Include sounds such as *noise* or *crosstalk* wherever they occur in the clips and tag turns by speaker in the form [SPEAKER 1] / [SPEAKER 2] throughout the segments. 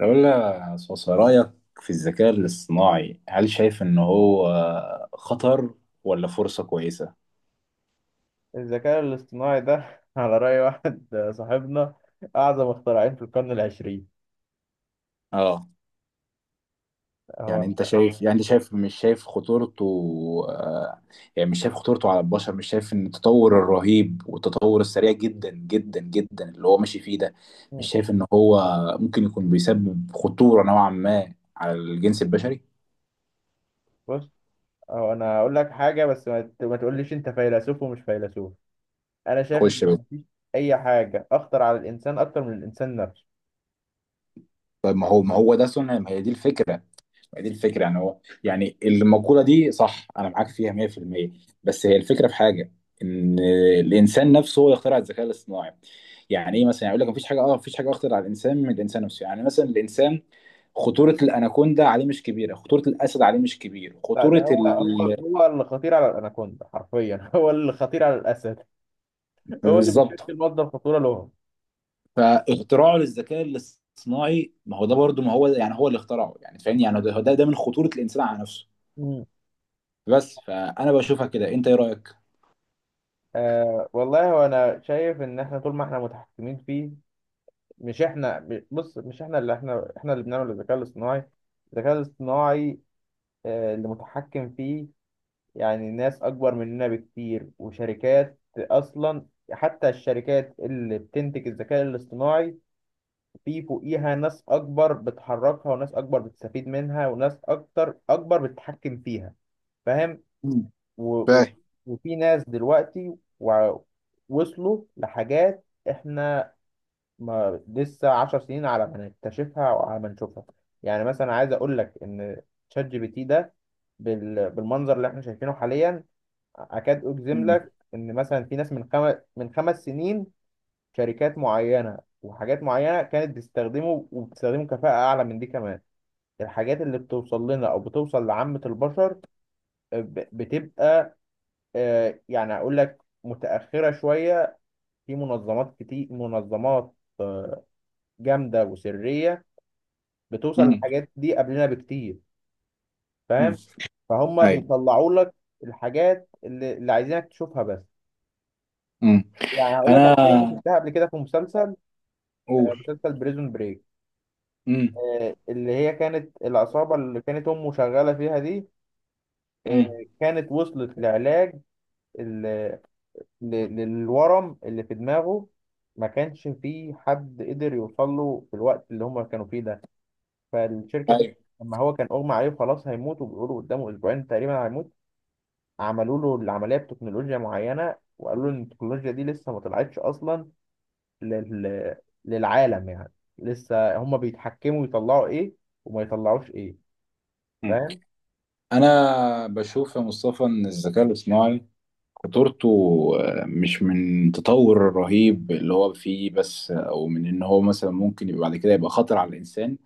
[SPEAKER 1] لو لها صوص رأيك في الذكاء الاصطناعي، هل شايف إن هو خطر ولا فرصة كويسة؟
[SPEAKER 2] الذكاء الاصطناعي ده *laughs* على رأي واحد صاحبنا، أعظم اختراعين في القرن العشرين
[SPEAKER 1] اه، يعني
[SPEAKER 2] هو.
[SPEAKER 1] انت شايف يعني انت شايف مش شايف خطورته. آه يعني مش شايف خطورته على البشر، مش شايف ان التطور الرهيب والتطور السريع جدا جدا جدا اللي هو ماشي فيه ده، مش شايف ان هو ممكن يكون بيسبب خطورة نوعا ما على الجنس البشري؟
[SPEAKER 2] بص، هو أنا هقول لك حاجة، بس ما تقوليش أنت فيلسوف ومش فيلسوف. أنا شايف إن
[SPEAKER 1] خش بس.
[SPEAKER 2] مفيش أي حاجة أخطر على الإنسان أكتر من الإنسان نفسه.
[SPEAKER 1] طيب، ما هو ده سنة، ما هي دي الفكرة، دي الفكره. يعني هو، يعني المقوله دي صح، انا معاك فيها 100%. بس هي الفكره في حاجه، ان الانسان نفسه هو يخترع الذكاء الاصطناعي. يعني ايه مثلا؟ يعني يقول لك مفيش حاجه، مفيش حاجه اخطر على الانسان من الانسان نفسه. يعني مثلا الانسان، خطوره الاناكوندا عليه مش كبيره، خطوره الاسد عليه مش كبير،
[SPEAKER 2] لا، ده
[SPEAKER 1] خطوره
[SPEAKER 2] هو
[SPEAKER 1] ال...
[SPEAKER 2] اللي خطير على الأناكوندا حرفيا *laughs* هو اللي خطير على الأسد. هو اللي
[SPEAKER 1] بالظبط.
[SPEAKER 2] بيشكل مصدر خطورة لهم.
[SPEAKER 1] فاختراعه للذكاء الاصطناعي، ما هو ده برضه، ما هو يعني هو اللي اخترعه، يعني فاهمني، يعني ده من خطوره الانسان على نفسه.
[SPEAKER 2] مم.
[SPEAKER 1] بس فانا بشوفها كده، انت ايه رايك؟
[SPEAKER 2] آه والله، هو أنا شايف إن إحنا طول ما إحنا متحكمين فيه. مش احنا، بص، مش احنا اللي احنا اللي بنعمل الذكاء الاصطناعي اللي متحكم فيه. يعني ناس اكبر مننا بكتير، وشركات اصلا. حتى الشركات اللي بتنتج الذكاء الاصطناعي، في فوقيها ناس اكبر بتحركها، وناس اكبر بتستفيد منها، وناس اكتر اكبر بتتحكم فيها. فاهم؟
[SPEAKER 1] مم.
[SPEAKER 2] و- و-
[SPEAKER 1] فاهم.
[SPEAKER 2] وفي ناس دلوقتي وصلوا لحاجات احنا ما لسه 10 سنين على ما نكتشفها او على ما نشوفها. يعني مثلا عايز اقول لك ان شات جي بي تي ده بالمنظر اللي احنا شايفينه حاليا، اكاد اجزم لك ان مثلا في ناس من 5 سنين، شركات معينه وحاجات معينه كانت بتستخدمه وبتستخدمه كفاءه اعلى من دي كمان. الحاجات اللي بتوصل لنا او بتوصل لعامه البشر، بتبقى، يعني اقول لك متاخره شويه. في منظمات كتير، منظمات جامده وسريه، بتوصل
[SPEAKER 1] مم.
[SPEAKER 2] الحاجات دي قبلنا بكتير.
[SPEAKER 1] امم.
[SPEAKER 2] فاهم؟ فهم
[SPEAKER 1] ايوه.
[SPEAKER 2] بيطلعوا لك الحاجات اللي عايزينك تشوفها بس.
[SPEAKER 1] امم.
[SPEAKER 2] يعني هقول لك
[SPEAKER 1] انا
[SPEAKER 2] على حاجه انا شفتها قبل كده في مسلسل،
[SPEAKER 1] اقول.
[SPEAKER 2] مسلسل بريزون بريك،
[SPEAKER 1] امم.
[SPEAKER 2] اللي هي كانت العصابه اللي كانت امه شغاله فيها دي،
[SPEAKER 1] امم.
[SPEAKER 2] كانت وصلت لعلاج ال- ل- للورم اللي في دماغه. ما كانش فيه حد قدر يوصل له في الوقت اللي هم كانوا فيه ده. فالشركه دي،
[SPEAKER 1] ايوه.
[SPEAKER 2] لما هو كان اغمى عليه وخلاص هيموت، وبيقولوا قدامه اسبوعين تقريبا هيموت، عملوا له العمليه بتكنولوجيا معينه، وقالوا له ان التكنولوجيا دي لسه ما طلعتش اصلا لل... للعالم يعني. لسه هم بيتحكموا يطلعوا ايه وما يطلعوش ايه.
[SPEAKER 1] امم.
[SPEAKER 2] فاهم؟
[SPEAKER 1] انا بشوف يا مصطفى ان الذكاء الاصطناعي خطورته، مش من التطور الرهيب اللي هو فيه بس، او من ان هو مثلا ممكن يبقى بعد كده يبقى خطر على الانسان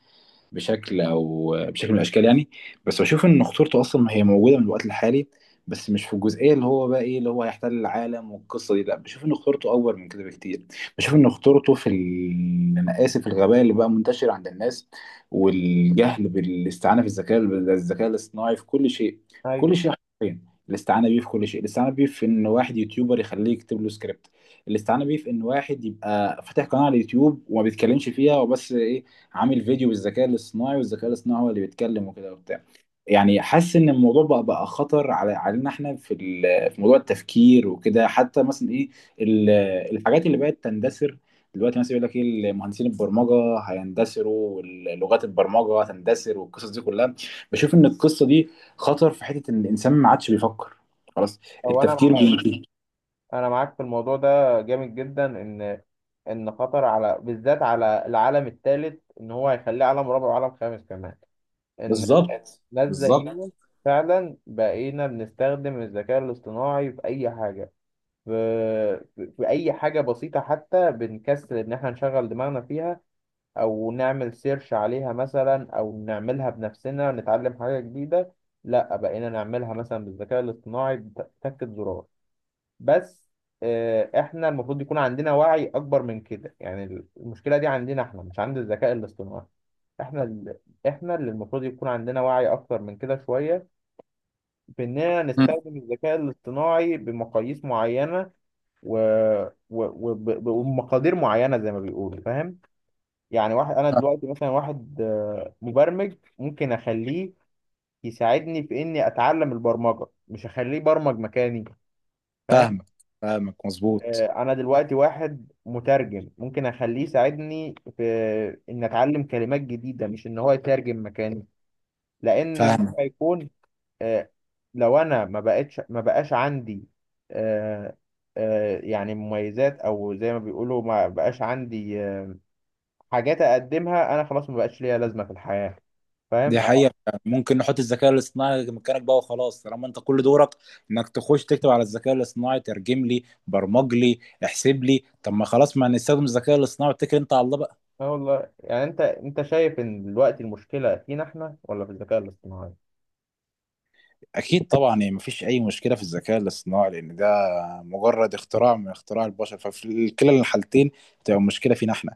[SPEAKER 1] بشكل او بشكل من الاشكال يعني. بس بشوف ان خطورته اصلا هي موجوده من الوقت الحالي، بس مش في الجزئيه اللي هو بقى ايه اللي هو هيحتل العالم والقصه دي، لا، بشوف ان خطورته اكبر من كده بكتير. بشوف ان خطورته في ال... انا اسف، الغباء اللي بقى منتشر عند الناس والجهل بالاستعانه في الذكاء الاصطناعي في كل شيء، في
[SPEAKER 2] ايوه.
[SPEAKER 1] كل شيء حرفيا، الاستعانه بيه في كل شيء، الاستعانه بيه في ان واحد يوتيوبر يخليه يكتب له سكريبت، الاستعانه بيه في ان واحد يبقى فاتح قناه على اليوتيوب وما بيتكلمش فيها، وبس ايه، عامل فيديو بالذكاء الاصطناعي والذكاء الاصطناعي هو اللي بيتكلم وكده وبتاع. يعني حاسس ان الموضوع بقى خطر على، علينا احنا، في ال- في موضوع التفكير وكده. حتى مثلا ايه، ال- الحاجات اللي بقت تندثر دلوقتي مثلا، يقول لك ايه، مهندسين البرمجه هيندثروا ولغات البرمجه هتندثر والقصص دي كلها. بشوف ان القصه دي خطر في حته ان الانسان ما عادش بيفكر، خلاص.
[SPEAKER 2] او انا
[SPEAKER 1] التفكير
[SPEAKER 2] معاك،
[SPEAKER 1] بي...
[SPEAKER 2] انا معاك في الموضوع ده جامد جدا ان ان خطر، على بالذات على العالم الثالث، ان هو هيخليه عالم رابع وعالم خامس كمان. ان
[SPEAKER 1] بالظبط،
[SPEAKER 2] ناس زينا
[SPEAKER 1] بالظبط.
[SPEAKER 2] فعلا بقينا بنستخدم الذكاء الاصطناعي في اي حاجه، في في اي حاجه بسيطه. حتى بنكسل ان احنا نشغل دماغنا فيها، او نعمل سيرش عليها مثلا، او نعملها بنفسنا نتعلم حاجه جديده. لا، بقينا نعملها مثلا بالذكاء الاصطناعي بتكة زرار بس. احنا المفروض يكون عندنا وعي اكبر من كده يعني. المشكله دي عندنا احنا، مش عند الذكاء الاصطناعي. احنا ال- احنا اللي المفروض يكون عندنا وعي اكتر من كده شويه، باننا
[SPEAKER 1] مم.
[SPEAKER 2] نستخدم الذكاء الاصطناعي بمقاييس معينه و... وبمقادير معينه، زي ما بيقولوا. فاهم؟ يعني واحد، انا دلوقتي مثلا، واحد مبرمج ممكن اخليه يساعدني في اني اتعلم البرمجه، مش اخليه برمج مكاني. فاهم؟
[SPEAKER 1] فاهمك، فاهمك مظبوط.
[SPEAKER 2] انا دلوقتي واحد مترجم ممكن اخليه يساعدني في ان اتعلم كلمات جديده، مش ان هو يترجم مكاني. لان مهما
[SPEAKER 1] فاهمك.
[SPEAKER 2] يكون آه، لو انا ما بقاش عندي آه، يعني مميزات، او زي ما بيقولوا ما بقاش عندي حاجات اقدمها انا، خلاص ما بقاش ليا لازمه في الحياه. فاهم؟
[SPEAKER 1] دي
[SPEAKER 2] اه.
[SPEAKER 1] حقيقة. ممكن نحط الذكاء الاصطناعي مكانك بقى وخلاص، طالما انت كل دورك انك تخش تكتب على الذكاء الاصطناعي ترجم لي، برمج لي، احسب لي. طب ما خلاص، ما نستخدم الذكاء الاصطناعي واتكل انت على الله بقى.
[SPEAKER 2] آه والله، يعني انت شايف ان دلوقتي المشكله فينا احنا ولا في الذكاء الاصطناعي؟
[SPEAKER 1] اكيد طبعا، يعني مفيش اي مشكلة في الذكاء الاصطناعي لان ده مجرد اختراع من اختراع البشر، ففي كلا الحالتين تبقى المشكلة فينا احنا.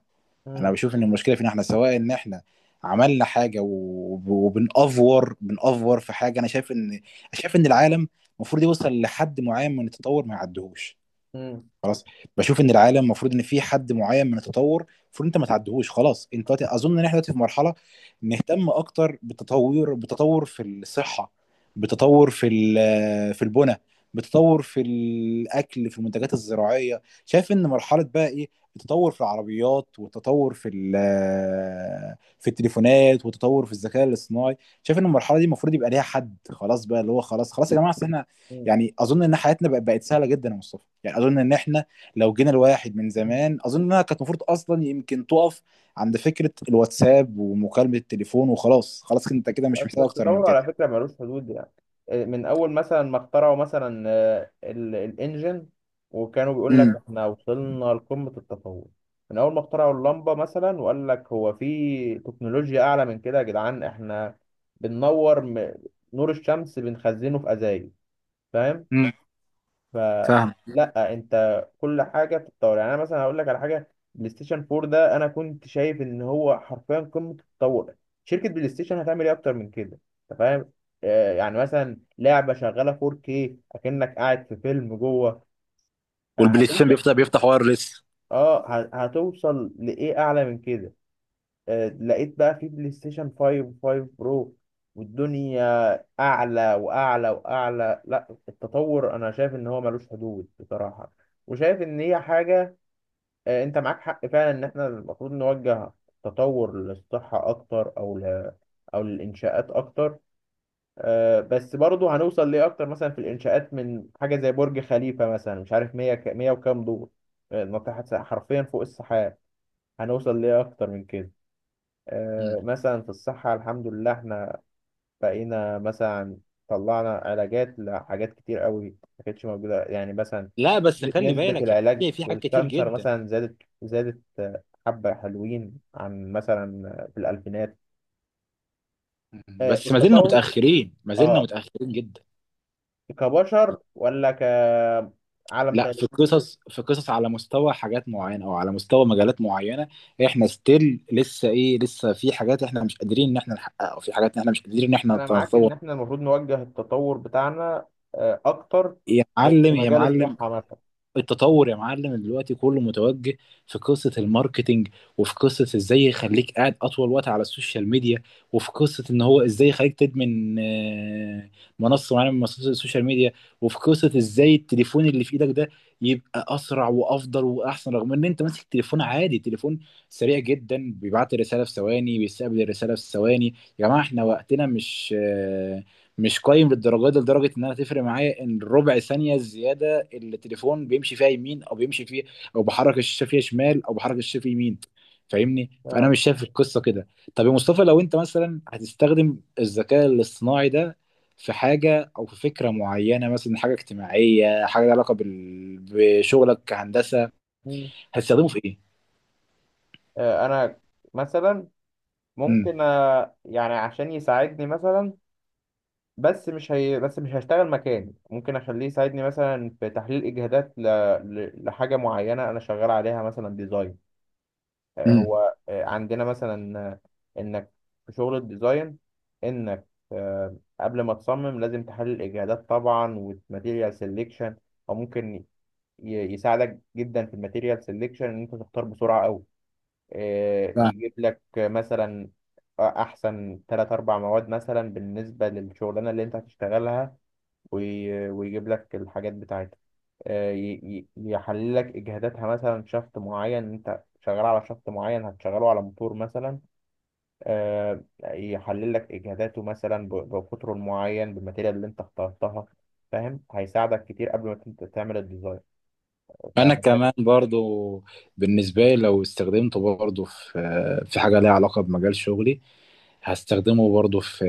[SPEAKER 1] انا
[SPEAKER 2] مم.
[SPEAKER 1] بشوف ان المشكلة فينا احنا، سواء ان احنا عملنا حاجة وبنأفور في حاجة. انا شايف ان، شايف ان العالم المفروض يوصل لحد معين من التطور، ما يعدهوش،
[SPEAKER 2] مم.
[SPEAKER 1] خلاص. بشوف ان العالم المفروض ان في حد معين من التطور، المفروض انت ما تعدهوش، خلاص. انت دلوقتي اظن ان احنا دلوقتي في مرحله نهتم اكتر بالتطور، بالتطور في الصحه، بالتطور في ال- في البنى، بالتطور في الاكل، في المنتجات الزراعيه. شايف ان مرحله بقى ايه التطور في العربيات، والتطور في ال- في التليفونات، والتطور في الذكاء الاصطناعي. شايف ان المرحله دي المفروض يبقى ليها حد، خلاص بقى اللي هو خلاص خلاص يا جماعه، أصل احنا، يعني اظن ان حياتنا بقت سهله جدا يا مصطفى. يعني اظن ان احنا لو جينا لواحد من
[SPEAKER 2] مم.
[SPEAKER 1] زمان، اظن انها كانت المفروض اصلا يمكن تقف عند فكره الواتساب ومكالمه التليفون، وخلاص، خلاص انت كده مش محتاج اكتر من
[SPEAKER 2] التطور على
[SPEAKER 1] كده.
[SPEAKER 2] فكرة ملوش حدود يعني. من أول مثلا ما اخترعوا مثلا الإنجن، وكانوا بيقول لك
[SPEAKER 1] امم.
[SPEAKER 2] إحنا وصلنا لقمة التطور. من أول ما اخترعوا اللمبة مثلا، وقال لك هو في تكنولوجيا أعلى من كده يا جدعان، إحنا بننور نور الشمس بنخزنه في أزايز. فاهم؟
[SPEAKER 1] امم. فاهم.
[SPEAKER 2] فلا، انت كل حاجه بتتطور يعني. انا مثلا هقول لك على حاجه، بلاي ستيشن 4 ده انا كنت شايف ان هو حرفيا قمه التطور. شركه بلاي ستيشن هتعمل ايه اكتر من كده؟ انت فاهم؟ يعني مثلا لعبه شغاله 4K، اكنك قاعد في فيلم جوه.
[SPEAKER 1] والبلاي ستيشن
[SPEAKER 2] هتوصل.
[SPEAKER 1] بيفتح وايرلس.
[SPEAKER 2] اه، هتوصل لايه اعلى من كده؟ لقيت بقى في بلاي ستيشن 5 5 برو، والدنيا اعلى واعلى واعلى. لا، التطور انا شايف ان هو ملوش حدود بصراحه، وشايف ان هي حاجه. انت معاك حق فعلا ان احنا المفروض نوجه التطور للصحه اكتر، او للانشاءات اكتر. بس برضه هنوصل ليه اكتر مثلا في الانشاءات من حاجه زي برج خليفه مثلا، مش عارف 100 100 وكام دور. ناطحه حرفيا فوق السحاب. هنوصل ليه اكتر من كده؟
[SPEAKER 1] مم.
[SPEAKER 2] مثلا في الصحة الحمد لله احنا بقينا مثلا طلعنا علاجات لحاجات كتير قوي ما كانتش موجودة. يعني مثلا
[SPEAKER 1] لا بس خلي
[SPEAKER 2] نسبة
[SPEAKER 1] بالك
[SPEAKER 2] العلاج
[SPEAKER 1] يعني في
[SPEAKER 2] في
[SPEAKER 1] حاجات كتير
[SPEAKER 2] الكانسر
[SPEAKER 1] جدا.
[SPEAKER 2] مثلا زادت زادت حبة حلوين عن مثلا في الألفينات.
[SPEAKER 1] مم. بس ما زلنا
[SPEAKER 2] التطور
[SPEAKER 1] متاخرين، ما زلنا
[SPEAKER 2] اه
[SPEAKER 1] متاخرين جدا.
[SPEAKER 2] كبشر ولا كعالم
[SPEAKER 1] لا،
[SPEAKER 2] تاني؟
[SPEAKER 1] في قصص على مستوى حاجات معينه او على مستوى مجالات معينه، احنا ستيل لسه ايه، لسه في حاجات احنا مش قادرين ان احنا نحققها، وفي حاجات احنا مش قادرين ان احنا
[SPEAKER 2] أنا معاك
[SPEAKER 1] نتطور.
[SPEAKER 2] إن احنا المفروض نوجه التطور بتاعنا أكتر
[SPEAKER 1] يا
[SPEAKER 2] في
[SPEAKER 1] معلم يا
[SPEAKER 2] مجال
[SPEAKER 1] معلم.
[SPEAKER 2] الصحة مثلا.
[SPEAKER 1] التطور يا معلم دلوقتي كله متوجه في قصة الماركتينج، وفي قصة ازاي يخليك قاعد اطول وقت على السوشيال ميديا، وفي قصة ان هو ازاي يخليك تدمن منصة معينة من منصات السوشيال ميديا، وفي قصة ازاي التليفون اللي في ايدك ده يبقى اسرع وافضل واحسن، رغم ان انت ماسك تليفون عادي، تليفون سريع جدا بيبعت الرسالة في ثواني، بيستقبل الرسالة في ثواني. يا جماعة احنا وقتنا مش مش قايم للدرجة دي، لدرجة ان انا تفرق معايا ان ربع ثانية زيادة التليفون بيمشي فيها يمين او بيمشي فيه، او بحرك الشاشه فيها شمال او بحرك الشاشه فيه يمين. فاهمني، فانا
[SPEAKER 2] آه،
[SPEAKER 1] مش شايف القصه كده. طب يا مصطفى، لو انت مثلا هتستخدم الذكاء الاصطناعي ده في حاجه او في فكره معينه، مثلا حاجه اجتماعيه، حاجه لها علاقه بال... بشغلك كهندسه،
[SPEAKER 2] مم.
[SPEAKER 1] هتستخدمه في ايه؟
[SPEAKER 2] أنا مثلا،
[SPEAKER 1] امم.
[SPEAKER 2] ممكن يعني عشان يساعدني مثلا. بس مش هشتغل مكاني، ممكن اخليه يساعدني مثلا في تحليل اجهادات لحاجه معينه انا شغال عليها مثلا، ديزاين.
[SPEAKER 1] امم.
[SPEAKER 2] هو عندنا مثلا انك في شغل الديزاين، انك قبل ما تصمم لازم تحلل الاجهادات طبعا والماتيريال سيلكشن. او ممكن يساعدك جدا في الماتيريال سيلكشن ان انت تختار بسرعه قوي. يجيب لك مثلا احسن ثلاث اربع مواد مثلا بالنسبه للشغلانه اللي انت هتشتغلها، ويجيب لك الحاجات بتاعتها. يحلل لك اجهاداتها مثلا، شفط معين انت شغال على شفط معين هتشغله على موتور مثلا. يحلل لك اجهاداته مثلا بقطره المعين بالماتيريال اللي انت اخترتها. فاهم؟ هيساعدك كتير قبل ما انت تعمل الديزاين.
[SPEAKER 1] انا
[SPEAKER 2] فانا
[SPEAKER 1] كمان برضو، بالنسبه لي لو استخدمته برضو في حاجه ليها علاقه بمجال شغلي، هستخدمه برضو في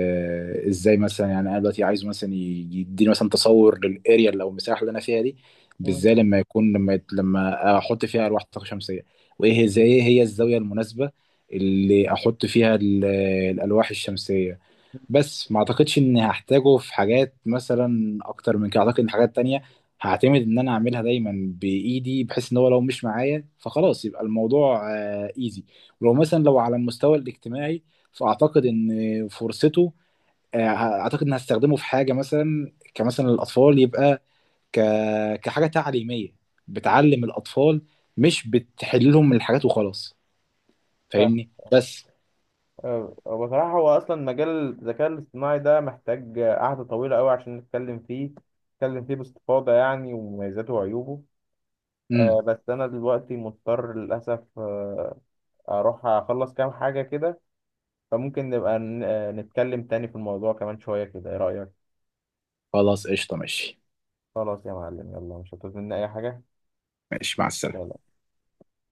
[SPEAKER 1] ازاي مثلا، يعني انا دلوقتي عايز مثلا يديني مثلا تصور للاريا، لو المساحه اللي انا فيها دي
[SPEAKER 2] شايف.
[SPEAKER 1] بالذات لما يكون، لما يت- لما احط فيها الواح طاقه شمسيه، وايه هي، زي ايه هي الزاويه المناسبه اللي احط فيها ال- الالواح الشمسيه. بس ما اعتقدش اني هحتاجه في حاجات مثلا اكتر من كده. اعتقد ان حاجات تانية هعتمد ان انا اعملها دايما بايدي، بحيث ان هو لو مش معايا فخلاص يبقى الموضوع ايزي. ولو مثلا لو على المستوى الاجتماعي، فاعتقد ان فرصته، آه، اعتقد ان هستخدمه في حاجة مثلا كمثلا الاطفال، يبقى ك... كحاجة تعليمية بتعلم الاطفال، مش بتحل لهم الحاجات وخلاص. فاهمني بس.
[SPEAKER 2] آه، بصراحة هو أصلا مجال الذكاء الاصطناعي ده محتاج قعدة طويلة أوي عشان نتكلم فيه، نتكلم فيه باستفاضة يعني ومميزاته وعيوبه.
[SPEAKER 1] امم.
[SPEAKER 2] بس أنا دلوقتي مضطر للأسف أروح أخلص كام حاجة كده. فممكن نبقى نتكلم تاني في الموضوع كمان شوية كده، إيه رأيك؟
[SPEAKER 1] خلاص قشطة ماشي.
[SPEAKER 2] خلاص يا معلم، يلا، مش هتظن أي حاجة؟
[SPEAKER 1] ماشي مع السلامة.
[SPEAKER 2] يلا.